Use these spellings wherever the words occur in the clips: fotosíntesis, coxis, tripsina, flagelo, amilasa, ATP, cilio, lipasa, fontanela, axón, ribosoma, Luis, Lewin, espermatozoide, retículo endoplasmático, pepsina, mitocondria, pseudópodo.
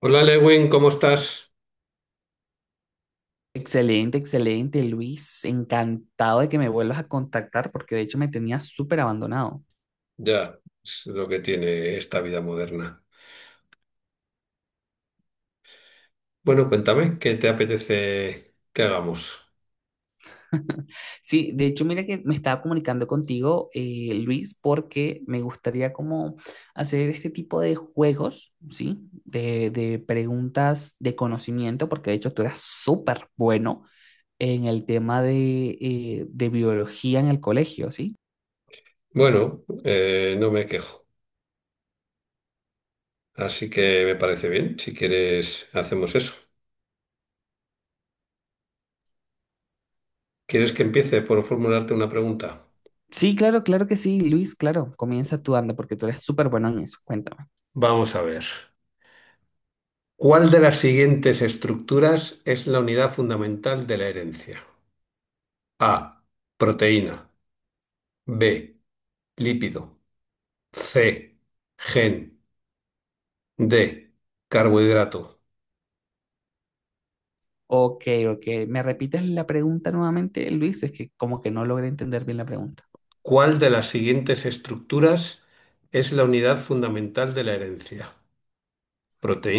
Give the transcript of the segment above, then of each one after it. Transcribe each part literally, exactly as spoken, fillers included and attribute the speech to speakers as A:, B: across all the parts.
A: Hola Lewin, ¿cómo estás?
B: Excelente, excelente, Luis. Encantado de que me vuelvas a contactar porque de hecho me tenías súper abandonado.
A: Ya, es lo que tiene esta vida moderna. Bueno, cuéntame, ¿qué te apetece que hagamos?
B: Sí, de hecho, mira que me estaba comunicando contigo, eh, Luis, porque me gustaría como hacer este tipo de juegos, ¿sí? De, de preguntas de conocimiento, porque de hecho tú eras súper bueno en el tema de, eh, de biología en el colegio, ¿sí?
A: Bueno, eh, no me quejo, así que me parece bien. Si quieres, hacemos eso. ¿Quieres que empiece por formularte una pregunta?
B: Sí, claro, claro que sí, Luis, claro. Comienza tú, anda, porque tú eres súper bueno en eso. Cuéntame.
A: Vamos a ver. ¿Cuál de las siguientes estructuras es la unidad fundamental de la herencia? A. Proteína. B. Lípido. C. Gen. D. Carbohidrato.
B: Ok, ok. ¿Me repites la pregunta nuevamente, Luis? Es que como que no logré entender bien la pregunta.
A: ¿Cuál de las siguientes estructuras es la unidad fundamental de la herencia?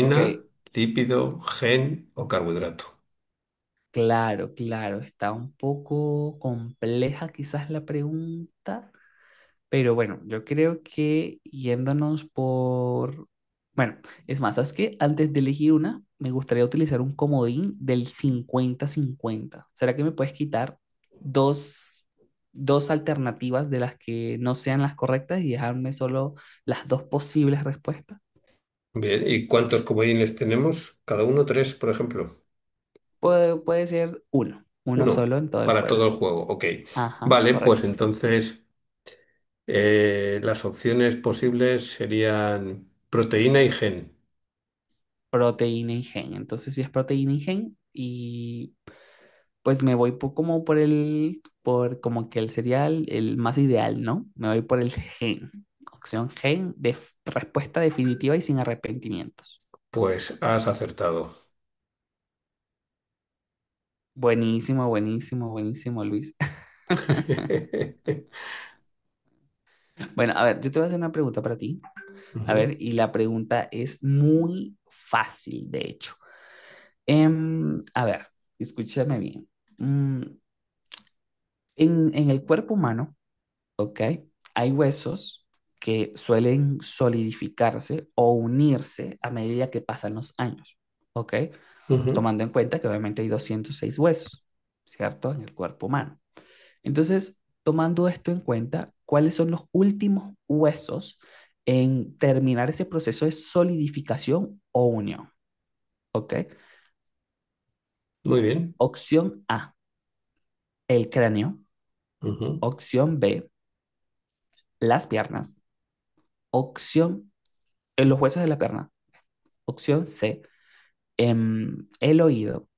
B: Ok,
A: lípido, gen o carbohidrato?
B: claro, claro. Está un poco compleja quizás la pregunta, pero bueno, yo creo que yéndonos por... Bueno, es más, ¿sabes qué? Antes de elegir una, me gustaría utilizar un comodín del cincuenta cincuenta. ¿Será que me puedes quitar dos, dos alternativas de las que no sean las correctas y dejarme solo las dos posibles respuestas?
A: Bien, ¿y cuántos comodines tenemos? Cada uno tres, por ejemplo.
B: Puede, puede ser uno, uno
A: Uno,
B: solo en todo el
A: para todo el
B: juego.
A: juego. Ok.
B: Ajá,
A: Vale, pues
B: correcto.
A: entonces eh, las opciones posibles serían proteína y gen.
B: Proteína y gen. Entonces, si es proteína y gen, y pues me voy po- como por el, por como que el cereal, el más ideal, ¿no? Me voy por el gen. Opción gen, de respuesta definitiva y sin arrepentimientos.
A: Pues has acertado.
B: Buenísimo, buenísimo, buenísimo, Luis. Bueno, a ver, yo te voy a hacer una pregunta para ti. A
A: Ujú,
B: ver, y la pregunta es muy fácil, de hecho. Em, a ver, escúchame bien. Mm, en, en el cuerpo humano, ¿ok? Hay huesos que suelen solidificarse o unirse a medida que pasan los años, ¿ok?
A: ujú.
B: Tomando en cuenta que obviamente hay doscientos seis huesos, ¿cierto? En el cuerpo humano. Entonces, tomando esto en cuenta, ¿cuáles son los últimos huesos en terminar ese proceso de solidificación o unión? ¿Ok?
A: Muy bien.
B: Opción A, el cráneo.
A: Ujú,
B: Opción B, las piernas. Opción, eh, los huesos de la pierna. Opción C, em, el oído.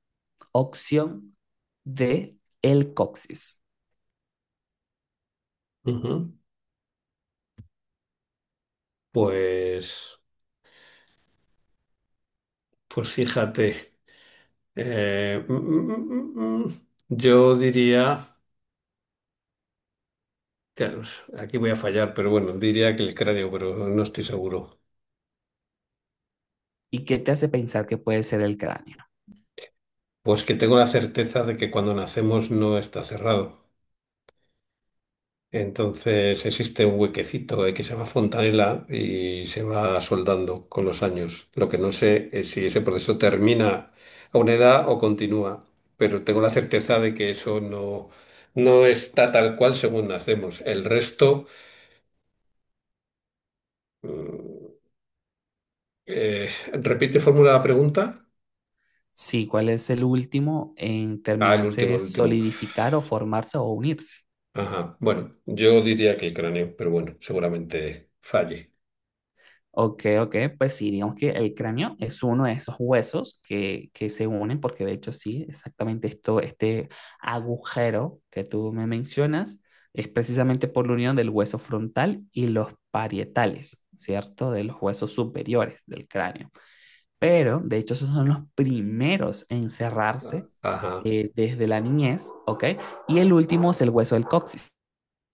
B: Opción D, el coxis.
A: ujú. Pues... Pues fíjate, eh, mm, mm, mm, mm, mm, yo diría, claro, aquí voy a fallar, pero bueno, diría que el cráneo, pero no estoy seguro.
B: ¿Y qué te hace pensar que puede ser el cráneo?
A: Pues que tengo la certeza de que cuando nacemos no está cerrado. Entonces existe un huequecito, eh, que se llama fontanela y se va soldando con los años. Lo que no sé es si ese proceso termina a una edad o continúa, pero tengo la certeza de que eso no, no está tal cual según nacemos. El resto. Mm, Eh, repite fórmula la pregunta.
B: Sí, ¿cuál es el último en
A: Ah, el
B: terminarse
A: último,
B: de
A: el último.
B: solidificar o formarse o unirse?
A: Ajá. Bueno, yo diría que el cráneo, pero bueno, seguramente falle.
B: Ok, ok, pues sí, digamos que el cráneo es uno de esos huesos que, que se unen, porque de hecho sí, exactamente esto, este agujero que tú me mencionas es precisamente por la unión del hueso frontal y los parietales, ¿cierto? De los huesos superiores del cráneo. Pero de hecho esos son los primeros en
A: Ah,
B: cerrarse
A: ajá.
B: eh, desde la niñez, ¿ok? Y el último es el hueso del coxis.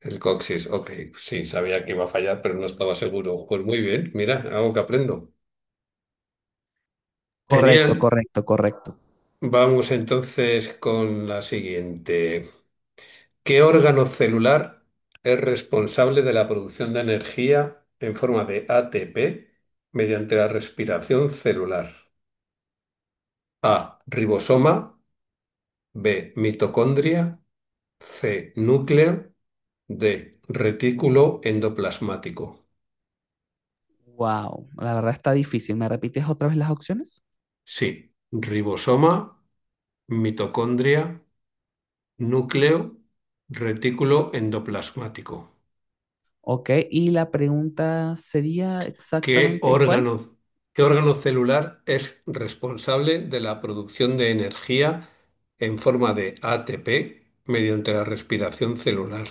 A: El coxis, ok. Sí, sabía que iba a fallar, pero no estaba seguro. Pues muy bien, mira, algo que aprendo.
B: Correcto,
A: Genial.
B: correcto, correcto.
A: Vamos entonces con la siguiente. ¿Qué órgano celular es responsable de la producción de energía en forma de A T P mediante la respiración celular? A. Ribosoma. B. Mitocondria. C. Núcleo. D. Retículo endoplasmático.
B: Wow, la verdad está difícil. ¿Me repites otra vez las opciones?
A: Sí. Ribosoma, mitocondria, núcleo, retículo endoplasmático.
B: Ok, y la pregunta sería
A: ¿Qué
B: exactamente cuál.
A: órgano, qué órgano celular es responsable de la producción de energía en forma de A T P mediante la respiración celular?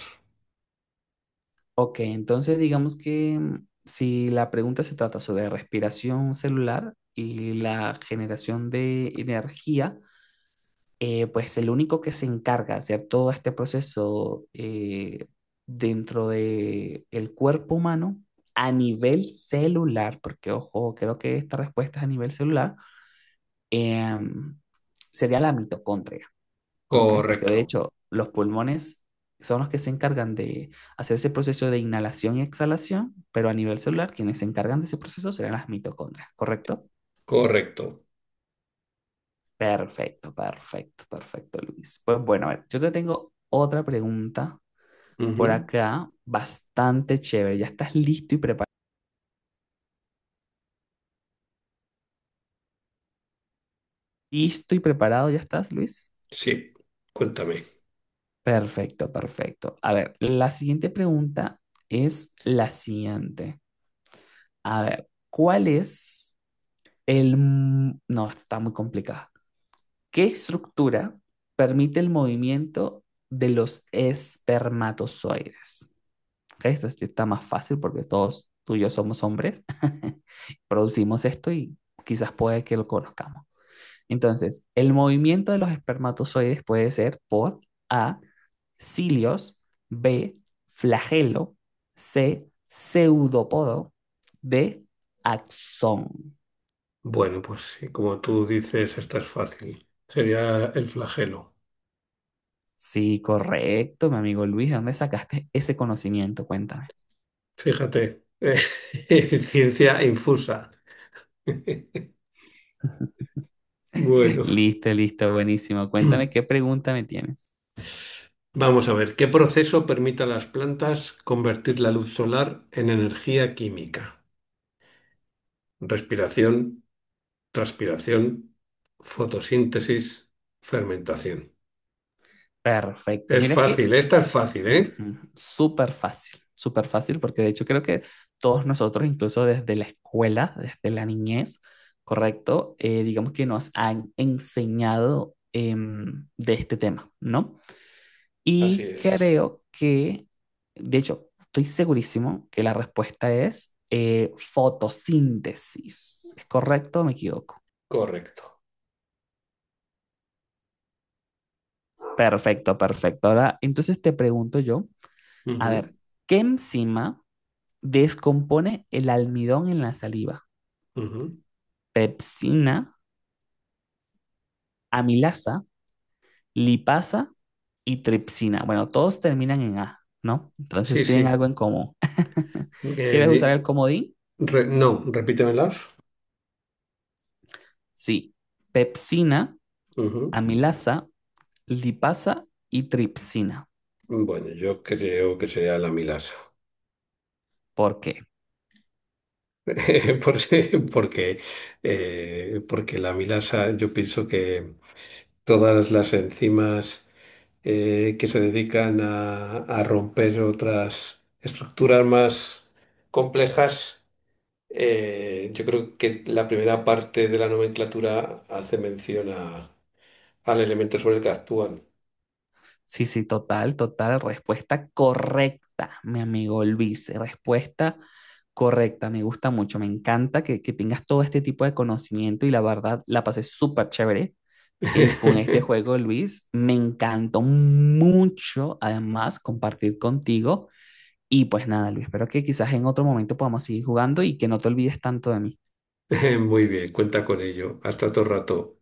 B: Ok, entonces digamos que mm, si la pregunta se trata sobre respiración celular y la generación de energía, eh, pues el único que se encarga de hacer todo este proceso eh, dentro de el cuerpo humano a nivel celular, porque ojo, creo que esta respuesta es a nivel celular, em, sería la mitocondria. Ok, porque de
A: Correcto,
B: hecho los pulmones son los que se encargan de hacer ese proceso de inhalación y exhalación, pero a nivel celular quienes se encargan de ese proceso serán las mitocondrias, ¿correcto?
A: correcto.
B: Perfecto, perfecto, perfecto, Luis. Pues bueno, a ver, yo te tengo otra pregunta por
A: Ujú.
B: acá, bastante chévere. ¿Ya estás listo y preparado? ¿Listo y preparado ya estás, Luis?
A: Sí, cuéntame.
B: Perfecto, perfecto. A ver, la siguiente pregunta es la siguiente. A ver, ¿cuál es el, mm, no, está muy complicada. ¿Qué estructura permite el movimiento de los espermatozoides? Ok, esto sí está más fácil porque todos tú y yo somos hombres. Producimos esto y quizás puede que lo conozcamos. Entonces, el movimiento de los espermatozoides puede ser por A, cilios, B, flagelo, C, pseudópodo, D, axón.
A: Bueno, pues sí, como tú dices, esta es fácil. Sería el flagelo.
B: Sí, correcto, mi amigo Luis. ¿De dónde sacaste ese conocimiento? Cuéntame.
A: Fíjate, eh, ciencia infusa. Bueno,
B: Listo, listo, buenísimo. Cuéntame qué pregunta me tienes.
A: vamos a ver, ¿qué proceso permite a las plantas convertir la luz solar en energía química? Respiración, transpiración, fotosíntesis, fermentación.
B: Perfecto.
A: Es
B: Mira que
A: fácil, esta es fácil, ¿eh?
B: ujú, súper fácil, súper fácil, porque de hecho creo que todos nosotros, incluso desde la escuela, desde la niñez, correcto. Eh, digamos que nos han enseñado em, de este tema, ¿no?
A: Así
B: Y
A: es,
B: creo que, de hecho, estoy segurísimo que la respuesta es eh, fotosíntesis. ¿Es correcto o me equivoco?
A: correcto.
B: Perfecto, perfecto. Ahora, entonces te pregunto yo, a
A: Ujú,
B: ver, ¿qué enzima descompone el almidón en la saliva?
A: ujú.
B: Pepsina, amilasa, lipasa y tripsina. Bueno, todos terminan en A, ¿no? Entonces
A: Sí,
B: tienen algo
A: sí.
B: en común.
A: Eh,
B: ¿Quieres
A: di-
B: usar el comodín?
A: re- no, repítemelas.
B: Sí. Pepsina,
A: Ujú.
B: amilasa, lipasa y tripsina.
A: Bueno, yo creo que sería la milasa.
B: ¿Por qué?
A: Por si- Porque, eh, porque la milasa, yo pienso que todas las enzimas eh, que se dedican a, a romper otras estructuras más complejas, eh, yo creo que la primera parte de la nomenclatura hace mención a- al elemento sobre el que actúan.
B: Sí, sí, total, total. Respuesta correcta, mi amigo Luis. Respuesta correcta. Me gusta mucho. Me encanta que, que tengas todo este tipo de conocimiento y la verdad la pasé súper chévere eh, con este juego, Luis. Me encantó mucho, además, compartir contigo. Y pues nada, Luis, espero que quizás en otro momento podamos seguir jugando y que no te olvides tanto de mí.
A: Muy bien, cuenta con ello. Hasta otro rato.